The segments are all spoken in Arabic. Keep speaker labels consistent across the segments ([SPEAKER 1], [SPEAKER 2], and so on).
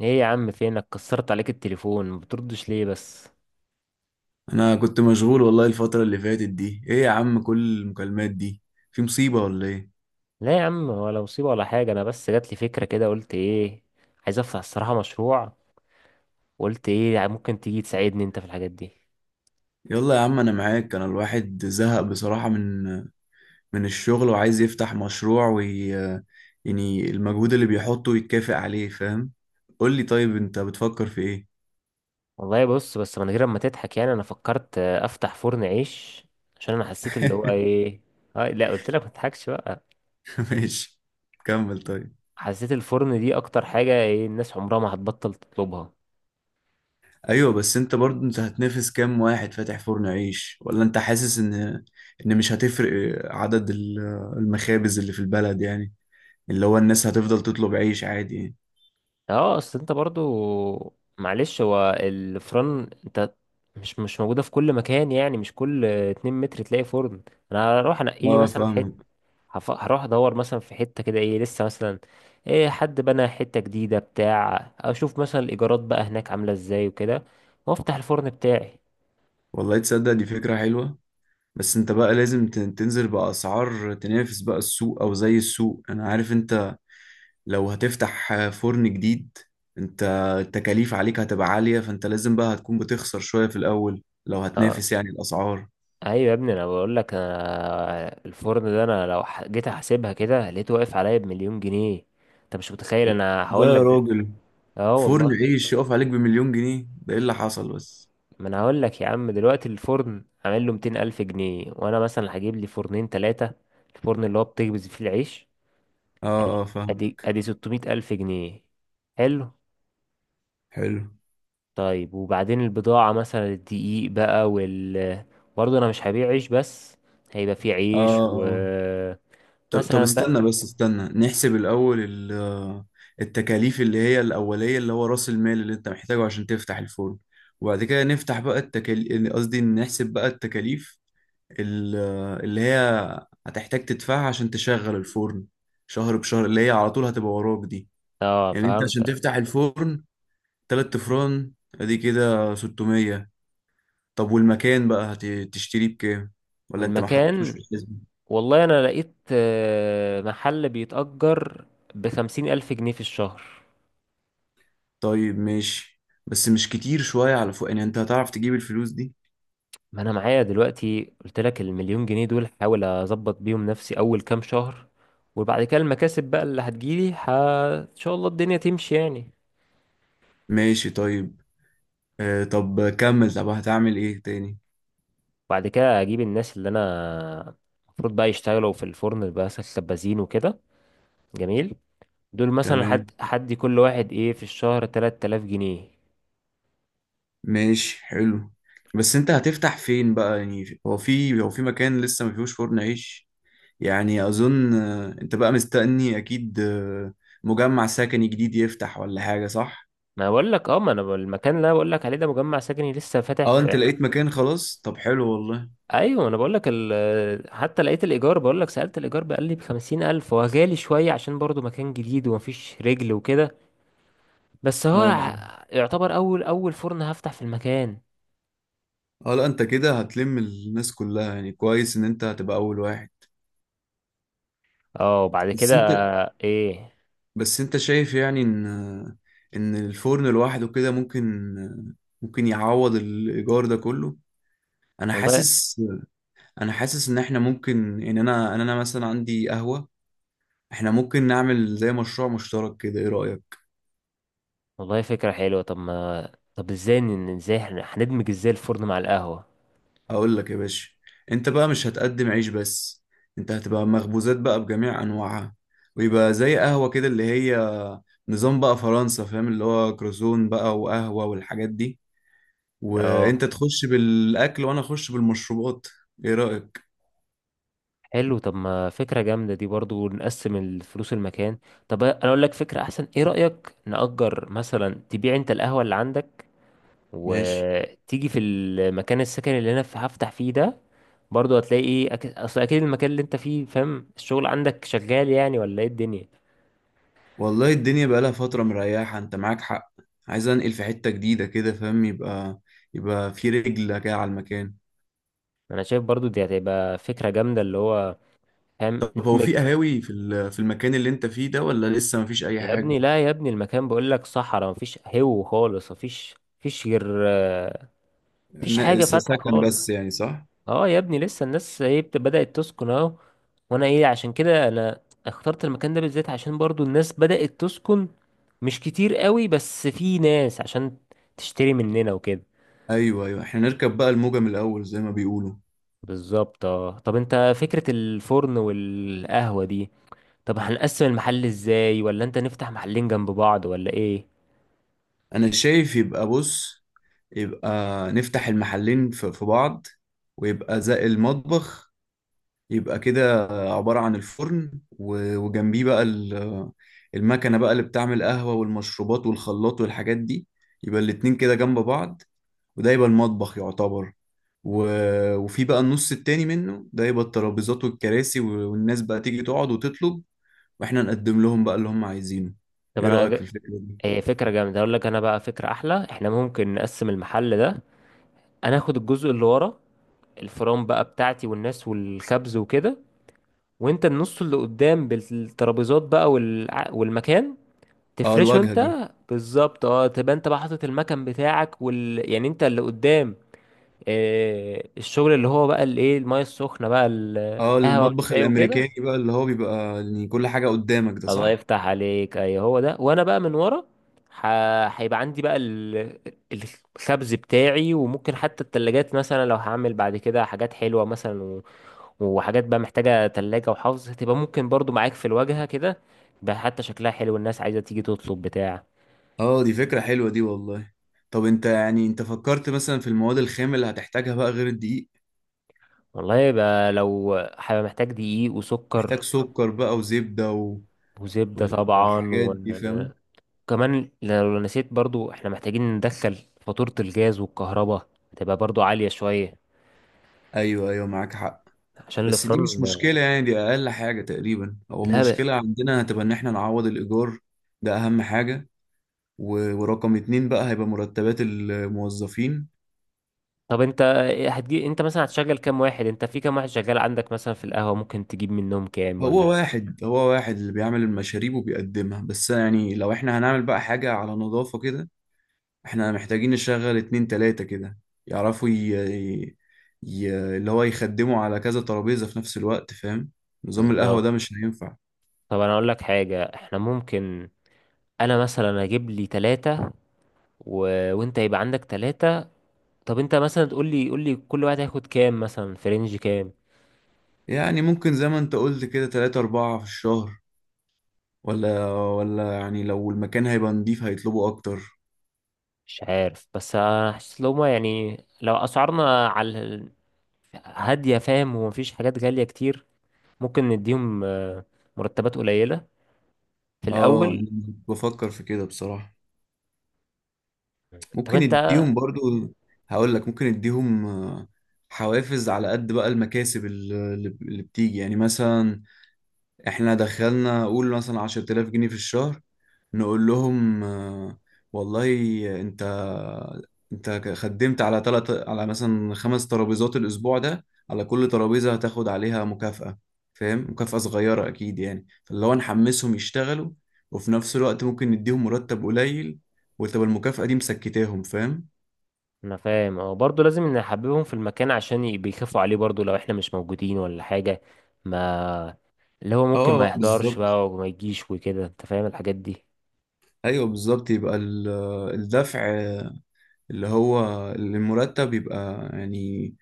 [SPEAKER 1] ايه يا عم، فينك؟ كسرت عليك التليفون، ما بتردش ليه بس؟
[SPEAKER 2] انا كنت مشغول، والله الفترة اللي فاتت دي. ايه يا عم كل المكالمات دي، في مصيبة ولا ايه؟
[SPEAKER 1] لا يا عم، ولا مصيبة ولا حاجة. انا بس جات لي فكرة كده، قلت ايه، عايز افتح الصراحة مشروع. وقلت ايه يعني ممكن تيجي تساعدني انت في الحاجات دي.
[SPEAKER 2] يلا يا عم انا معاك. انا الواحد زهق بصراحة من الشغل، وعايز يفتح مشروع. وي يعني المجهود اللي بيحطه يتكافئ عليه، فاهم. قول لي طيب انت بتفكر في ايه؟
[SPEAKER 1] والله بص، بس من غير ما تضحك يعني، انا فكرت افتح فرن عيش. عشان انا حسيت اللي هو ايه، آه لا قلت لك ما تضحكش بقى.
[SPEAKER 2] ماشي، كمل طيب.
[SPEAKER 1] حسيت الفرن دي اكتر حاجة، ايه الناس عمرها ما هتبطل تطلبها.
[SPEAKER 2] ايوه، بس انت برضو انت هتنافس كام واحد فاتح فرن عيش؟ ولا انت حاسس ان مش هتفرق عدد المخابز اللي في البلد يعني. اللي هو الناس هتفضل تطلب عيش عادي يعني.
[SPEAKER 1] اه، اصل انت برضو معلش، هو الفرن انت مش موجودة في كل مكان، يعني مش كل اتنين متر تلاقي فرن. انا هروح انقي لي
[SPEAKER 2] اه،
[SPEAKER 1] مثلا حتة،
[SPEAKER 2] فاهمك.
[SPEAKER 1] هروح ادور مثلا في حتة كده، ايه لسه مثلا، ايه حد بنى حتة جديدة بتاع، اشوف مثلا الايجارات بقى هناك عاملة ازاي وكده، وافتح الفرن بتاعي.
[SPEAKER 2] والله تصدق دي فكرة حلوة. بس انت بقى لازم تنزل بأسعار تنافس بقى السوق، او زي السوق. انا عارف انت لو هتفتح فرن جديد، انت التكاليف عليك هتبقى عالية. فانت لازم بقى هتكون بتخسر شوية في الاول لو
[SPEAKER 1] اه
[SPEAKER 2] هتنافس يعني الأسعار.
[SPEAKER 1] ايوه يا ابني، انا بقول لك، انا الفرن ده، انا لو جيت احسبها كده لقيته واقف عليا بمليون جنيه. انت مش متخيل، انا
[SPEAKER 2] لا
[SPEAKER 1] هقول لك
[SPEAKER 2] يا راجل،
[SPEAKER 1] اه
[SPEAKER 2] فرن
[SPEAKER 1] والله.
[SPEAKER 2] عيش يقف عليك بمليون جنيه؟ ده ايه اللي حصل بس.
[SPEAKER 1] ما انا هقول لك يا عم، دلوقتي الفرن عامل له 200 الف جنيه، وانا مثلا هجيب لي فرنين ثلاثه، الفرن اللي هو بتخبز فيه العيش،
[SPEAKER 2] اه اه، فاهم.
[SPEAKER 1] ادي 600 الف جنيه. حلو.
[SPEAKER 2] حلو.
[SPEAKER 1] طيب وبعدين البضاعه، مثلا الدقيق بقى برضه انا مش هبيع عيش بس، هيبقى فيه
[SPEAKER 2] اه
[SPEAKER 1] عيش
[SPEAKER 2] اه، طب
[SPEAKER 1] مثلا بقى.
[SPEAKER 2] استنى، بس استنى نحسب الأول التكاليف اللي هي الأولية، اللي هو رأس المال اللي أنت محتاجه عشان تفتح الفرن. وبعد كده نفتح بقى التكاليف، قصدي نحسب بقى التكاليف ال- اللي هي هتحتاج تدفعها عشان تشغل الفرن شهر بشهر، اللي هي على طول هتبقى وراك دي.
[SPEAKER 1] اه
[SPEAKER 2] يعني أنت عشان
[SPEAKER 1] فهمتك.
[SPEAKER 2] تفتح الفرن 3 أفران، أدي كده 600. طب والمكان بقى هتشتريه بكام، ولا أنت ما حطيتوش
[SPEAKER 1] والمكان،
[SPEAKER 2] في الحسبة؟
[SPEAKER 1] والله انا لقيت محل بيتأجر ب 50,000 الف جنيه في الشهر.
[SPEAKER 2] طيب ماشي، بس مش كتير شوية على فوق؟ يعني انت هتعرف تجيب الفلوس دي؟
[SPEAKER 1] ما انا معايا دلوقتي قلت لك، المليون جنيه دول هحاول اظبط بيهم نفسي اول كام شهر، وبعد كده المكاسب بقى اللي هتجيلي ان شاء الله الدنيا تمشي يعني.
[SPEAKER 2] ماشي طيب. طب كمل، طب هتعمل ايه تاني؟
[SPEAKER 1] بعد كده اجيب الناس اللي انا المفروض بقى يشتغلوا في الفرن بقى سبازين وكده، جميل، دول مثلا حد
[SPEAKER 2] تمام،
[SPEAKER 1] حد كل واحد ايه في الشهر 3000 جنيه.
[SPEAKER 2] ماشي حلو. بس انت هتفتح فين بقى؟ يعني هو في مكان لسه ما فيهوش فرن عيش يعني؟ اظن، انت بقى مستني اكيد مجمع سكني جديد يفتح ولا حاجة، صح؟
[SPEAKER 1] ما بقول لك اه، ما انا المكان اللي انا بقول لك عليه ده مجمع سكني لسه فاتح
[SPEAKER 2] اه، انت
[SPEAKER 1] في.
[SPEAKER 2] لقيت مكان خلاص؟ طب حلو والله.
[SPEAKER 1] ايوه انا بقول لك حتى لقيت الايجار، بقول لك سالت الايجار بقى لي ب 50,000، هو غالي شويه عشان برضو مكان جديد ومفيش رجل وكده. بس هو
[SPEAKER 2] اه
[SPEAKER 1] يعتبر اول فرن هفتح في المكان.
[SPEAKER 2] اه، لا انت كده هتلم الناس كلها يعني. كويس ان انت هتبقى اول واحد.
[SPEAKER 1] اه وبعد
[SPEAKER 2] بس
[SPEAKER 1] كده
[SPEAKER 2] انت
[SPEAKER 1] ايه،
[SPEAKER 2] بس انت شايف يعني ان الفرن لوحده كده ممكن يعوض الايجار ده كله؟ انا
[SPEAKER 1] والله،
[SPEAKER 2] حاسس انا حاسس ان احنا ممكن ان انا مثلا عندي قهوة، احنا ممكن نعمل زي مشروع مشترك كده. ايه رأيك؟
[SPEAKER 1] والله فكره حلوه. طب ما، طب ازاي هندمج ازاي الفرن مع القهوه.
[SPEAKER 2] اقول لك يا باشا، انت بقى مش هتقدم عيش بس، انت هتبقى مخبوزات بقى بجميع انواعها. ويبقى زي قهوة كده، اللي هي نظام بقى فرنسا، فاهم، اللي هو كروزون بقى وقهوة والحاجات دي.
[SPEAKER 1] اه
[SPEAKER 2] وانت تخش بالاكل وانا اخش بالمشروبات. ايه رأيك؟
[SPEAKER 1] حلو، طب ما فكره جامده دي، برضو نقسم الفلوس المكان. طب انا اقول لك فكره احسن، ايه رايك نأجر مثلا، تبيع انت القهوه اللي عندك
[SPEAKER 2] ماشي.
[SPEAKER 1] وتيجي في المكان السكن اللي انا هفتح فيه ده، برضو هتلاقي ايه اصل اكيد المكان اللي انت فيه فاهم، الشغل عندك شغال يعني ولا ايه الدنيا.
[SPEAKER 2] والله الدنيا بقالها فترة مريحة، انت معاك حق. عايز انقل في حتة جديدة كده، فاهم. يبقى في رجل كده على المكان.
[SPEAKER 1] انا شايف برضو دي هتبقى فكرة جامدة، اللي هو فاهم
[SPEAKER 2] طب هو
[SPEAKER 1] ندمج.
[SPEAKER 2] في قهاوي في المكان اللي انت فيه ده، ولا لسه مفيش اي
[SPEAKER 1] يا
[SPEAKER 2] حاجة؟
[SPEAKER 1] ابني لا يا ابني، المكان بقول لك صحراء، مفيش هو خالص مفيش، مفيش غير مفيش حاجة فاتحة
[SPEAKER 2] سكن بس
[SPEAKER 1] خالص.
[SPEAKER 2] يعني، صح؟
[SPEAKER 1] اه يا ابني، لسه الناس ايه بدأت تسكن اهو. وانا ايه، عشان كده انا اخترت المكان ده بالذات، عشان برضو الناس بدأت تسكن مش كتير قوي، بس في ناس عشان تشتري مننا وكده.
[SPEAKER 2] ايوه ايوه، احنا نركب بقى الموجة من الاول زي ما بيقولوا.
[SPEAKER 1] بالظبط اه، طب انت فكرة الفرن والقهوة دي، طب هنقسم المحل ازاي، ولا انت نفتح محلين جنب بعض، ولا ايه.
[SPEAKER 2] انا شايف يبقى بص، يبقى نفتح المحلين في بعض، ويبقى زي المطبخ. يبقى كده عبارة عن الفرن وجنبيه بقى المكنة بقى اللي بتعمل قهوة والمشروبات والخلاط والحاجات دي. يبقى الاتنين كده جنب بعض، وده يبقى المطبخ يعتبر. وفي بقى النص التاني منه ده، يبقى الترابيزات والكراسي والناس بقى تيجي تقعد وتطلب، واحنا نقدم لهم بقى اللي هم عايزينه.
[SPEAKER 1] طب
[SPEAKER 2] ايه
[SPEAKER 1] انا
[SPEAKER 2] رأيك في الفكرة دي؟
[SPEAKER 1] هي فكرة جامدة، اقول لك انا بقى فكرة احلى، احنا ممكن نقسم المحل ده. انا اخد الجزء اللي ورا، الفرن بقى بتاعتي والناس والخبز وكده. وانت النص اللي قدام بالترابيزات بقى والمكان
[SPEAKER 2] اه،
[SPEAKER 1] تفرشه
[SPEAKER 2] الواجهة
[SPEAKER 1] انت.
[SPEAKER 2] دي.
[SPEAKER 1] بالظبط اه، تبقى انت بقى حاطط المكان بتاعك يعني انت اللي قدام، الشغل اللي هو بقى المايه السخنه بقى،
[SPEAKER 2] اه،
[SPEAKER 1] القهوه
[SPEAKER 2] المطبخ
[SPEAKER 1] والشاي وكده.
[SPEAKER 2] الأمريكاني بقى، اللي هو بيبقى إن كل حاجة قدامك ده،
[SPEAKER 1] الله
[SPEAKER 2] صح؟
[SPEAKER 1] يفتح عليك، اي هو ده، وانا بقى من ورا، ح- هيبقى عندي بقى الخبز بتاعي، وممكن حتى التلاجات مثلا لو هعمل بعد كده حاجات حلوة مثلا وحاجات بقى محتاجة تلاجة وحفظ، هتبقى ممكن برضو معاك في الواجهة كده، بقى حتى شكلها حلو الناس عايزة تيجي تطلب بتاع.
[SPEAKER 2] اه، دي فكرة حلوة دي والله. طب انت يعني انت فكرت مثلا في المواد الخام اللي هتحتاجها بقى غير الدقيق؟
[SPEAKER 1] والله يبقى، لو هيبقى محتاج دقيق
[SPEAKER 2] محتاج
[SPEAKER 1] وسكر،
[SPEAKER 2] سكر بقى وزبدة
[SPEAKER 1] وزبدة طبعا.
[SPEAKER 2] والحاجات دي، فاهم.
[SPEAKER 1] وكمان لو نسيت، برضو احنا محتاجين ندخل فاتورة الجاز والكهرباء، هتبقى برضو عالية شوية
[SPEAKER 2] ايوه ايوه، معاك حق.
[SPEAKER 1] عشان
[SPEAKER 2] بس دي مش
[SPEAKER 1] الفرن.
[SPEAKER 2] مشكلة يعني، دي اقل حاجة تقريبا. هو
[SPEAKER 1] لا،
[SPEAKER 2] المشكلة عندنا هتبقى ان احنا نعوض الايجار. ده اهم حاجة. ورقم اتنين بقى هيبقى مرتبات الموظفين.
[SPEAKER 1] طب انت، هتجي انت مثلا هتشغل كام واحد، انت في كام واحد شغال عندك مثلا في القهوة، ممكن تجيب منهم كام
[SPEAKER 2] هو
[SPEAKER 1] ولا.
[SPEAKER 2] واحد هو واحد اللي بيعمل المشاريب وبيقدمها بس يعني. لو احنا هنعمل بقى حاجة على نظافة كده، احنا محتاجين نشغل اتنين تلاتة كده، يعرفوا ي... اللي هو يخدموا على كذا ترابيزة في نفس الوقت، فاهم. نظام القهوة
[SPEAKER 1] بالظبط.
[SPEAKER 2] ده مش هينفع.
[SPEAKER 1] طب انا اقول لك حاجة، احنا ممكن انا مثلا اجيب لي ثلاثة و... وانت يبقى عندك ثلاثة. طب انت مثلا تقول لي، قول لي كل واحد هياخد كام، مثلا في رينج كام.
[SPEAKER 2] يعني ممكن زي ما انت قلت كده، تلاتة أربعة في الشهر؟ ولا يعني لو المكان هيبقى نضيف هيطلبوا أكتر.
[SPEAKER 1] مش عارف، بس انا حاسس لو ما يعني لو اسعارنا على هادية فاهم، ومفيش حاجات غالية كتير، ممكن نديهم مرتبات قليلة في
[SPEAKER 2] اه،
[SPEAKER 1] الاول.
[SPEAKER 2] أنا بفكر في كده بصراحة.
[SPEAKER 1] طب
[SPEAKER 2] ممكن
[SPEAKER 1] انت،
[SPEAKER 2] يديهم برضو. هقول لك ممكن يديهم حوافز على قد بقى المكاسب اللي بتيجي. يعني مثلا احنا دخلنا قول مثلا 10000 جنيه في الشهر، نقول لهم، والله انت انت خدمت على تلت، على مثلا 5 ترابيزات الاسبوع ده، على كل ترابيزة هتاخد عليها مكافأة. فاهم؟ مكافأة صغيرة اكيد يعني، فاللي هو نحمسهم يشتغلوا، وفي نفس الوقت ممكن نديهم مرتب قليل، وتبقى المكافأة دي مسكتاهم، فاهم.
[SPEAKER 1] انا فاهم اه، برضه لازم نحببهم في المكان عشان بيخافوا عليه برضه لو احنا مش موجودين ولا حاجة. ما اللي هو ممكن ما
[SPEAKER 2] اه
[SPEAKER 1] يحضرش
[SPEAKER 2] بالظبط.
[SPEAKER 1] بقى وما يجيش وكده، انت فاهم الحاجات دي.
[SPEAKER 2] ايوه بالظبط. يبقى الدفع، اللي هو المرتب، يبقى يعني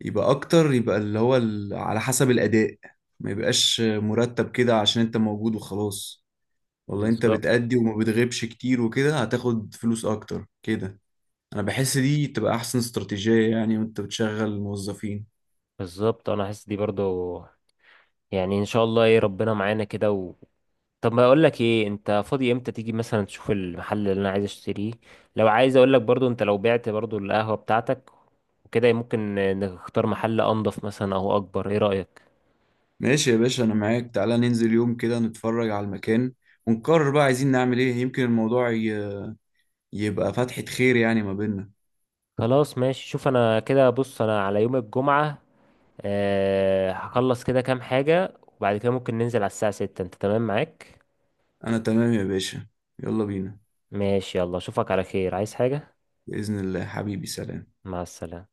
[SPEAKER 2] يبقى اكتر، يبقى اللي هو على حسب الاداء. ما يبقاش مرتب كده عشان انت موجود وخلاص. والله انت
[SPEAKER 1] بالظبط.
[SPEAKER 2] بتأدي وما بتغيبش كتير وكده هتاخد فلوس اكتر كده. انا بحس دي تبقى احسن استراتيجية يعني وانت بتشغل الموظفين.
[SPEAKER 1] بالظبط انا حاسس دي برضه. يعني ان شاء الله، ايه ربنا معانا كده. طب ما اقول لك ايه، انت فاضي امتى تيجي مثلا تشوف المحل اللي انا عايز اشتريه؟ لو عايز اقول لك برضه، انت لو بعت برضه القهوة بتاعتك وكده، ممكن نختار محل انضف مثلا او اكبر، ايه رأيك؟
[SPEAKER 2] ماشي يا باشا، انا معاك. تعالى ننزل يوم كده نتفرج على المكان، ونقرر بقى عايزين نعمل ايه. يمكن الموضوع يبقى فتحة خير يعني ما بيننا.
[SPEAKER 1] خلاص ماشي، شوف انا كده، بص انا على يوم الجمعة أه هخلص كده كام حاجة، وبعد كده ممكن ننزل على الساعة 6، انت تمام معاك؟
[SPEAKER 2] انا تمام يا باشا. يلا بينا.
[SPEAKER 1] ماشي يلا، اشوفك على خير، عايز حاجة.
[SPEAKER 2] بإذن الله حبيبي، سلام.
[SPEAKER 1] مع السلامة.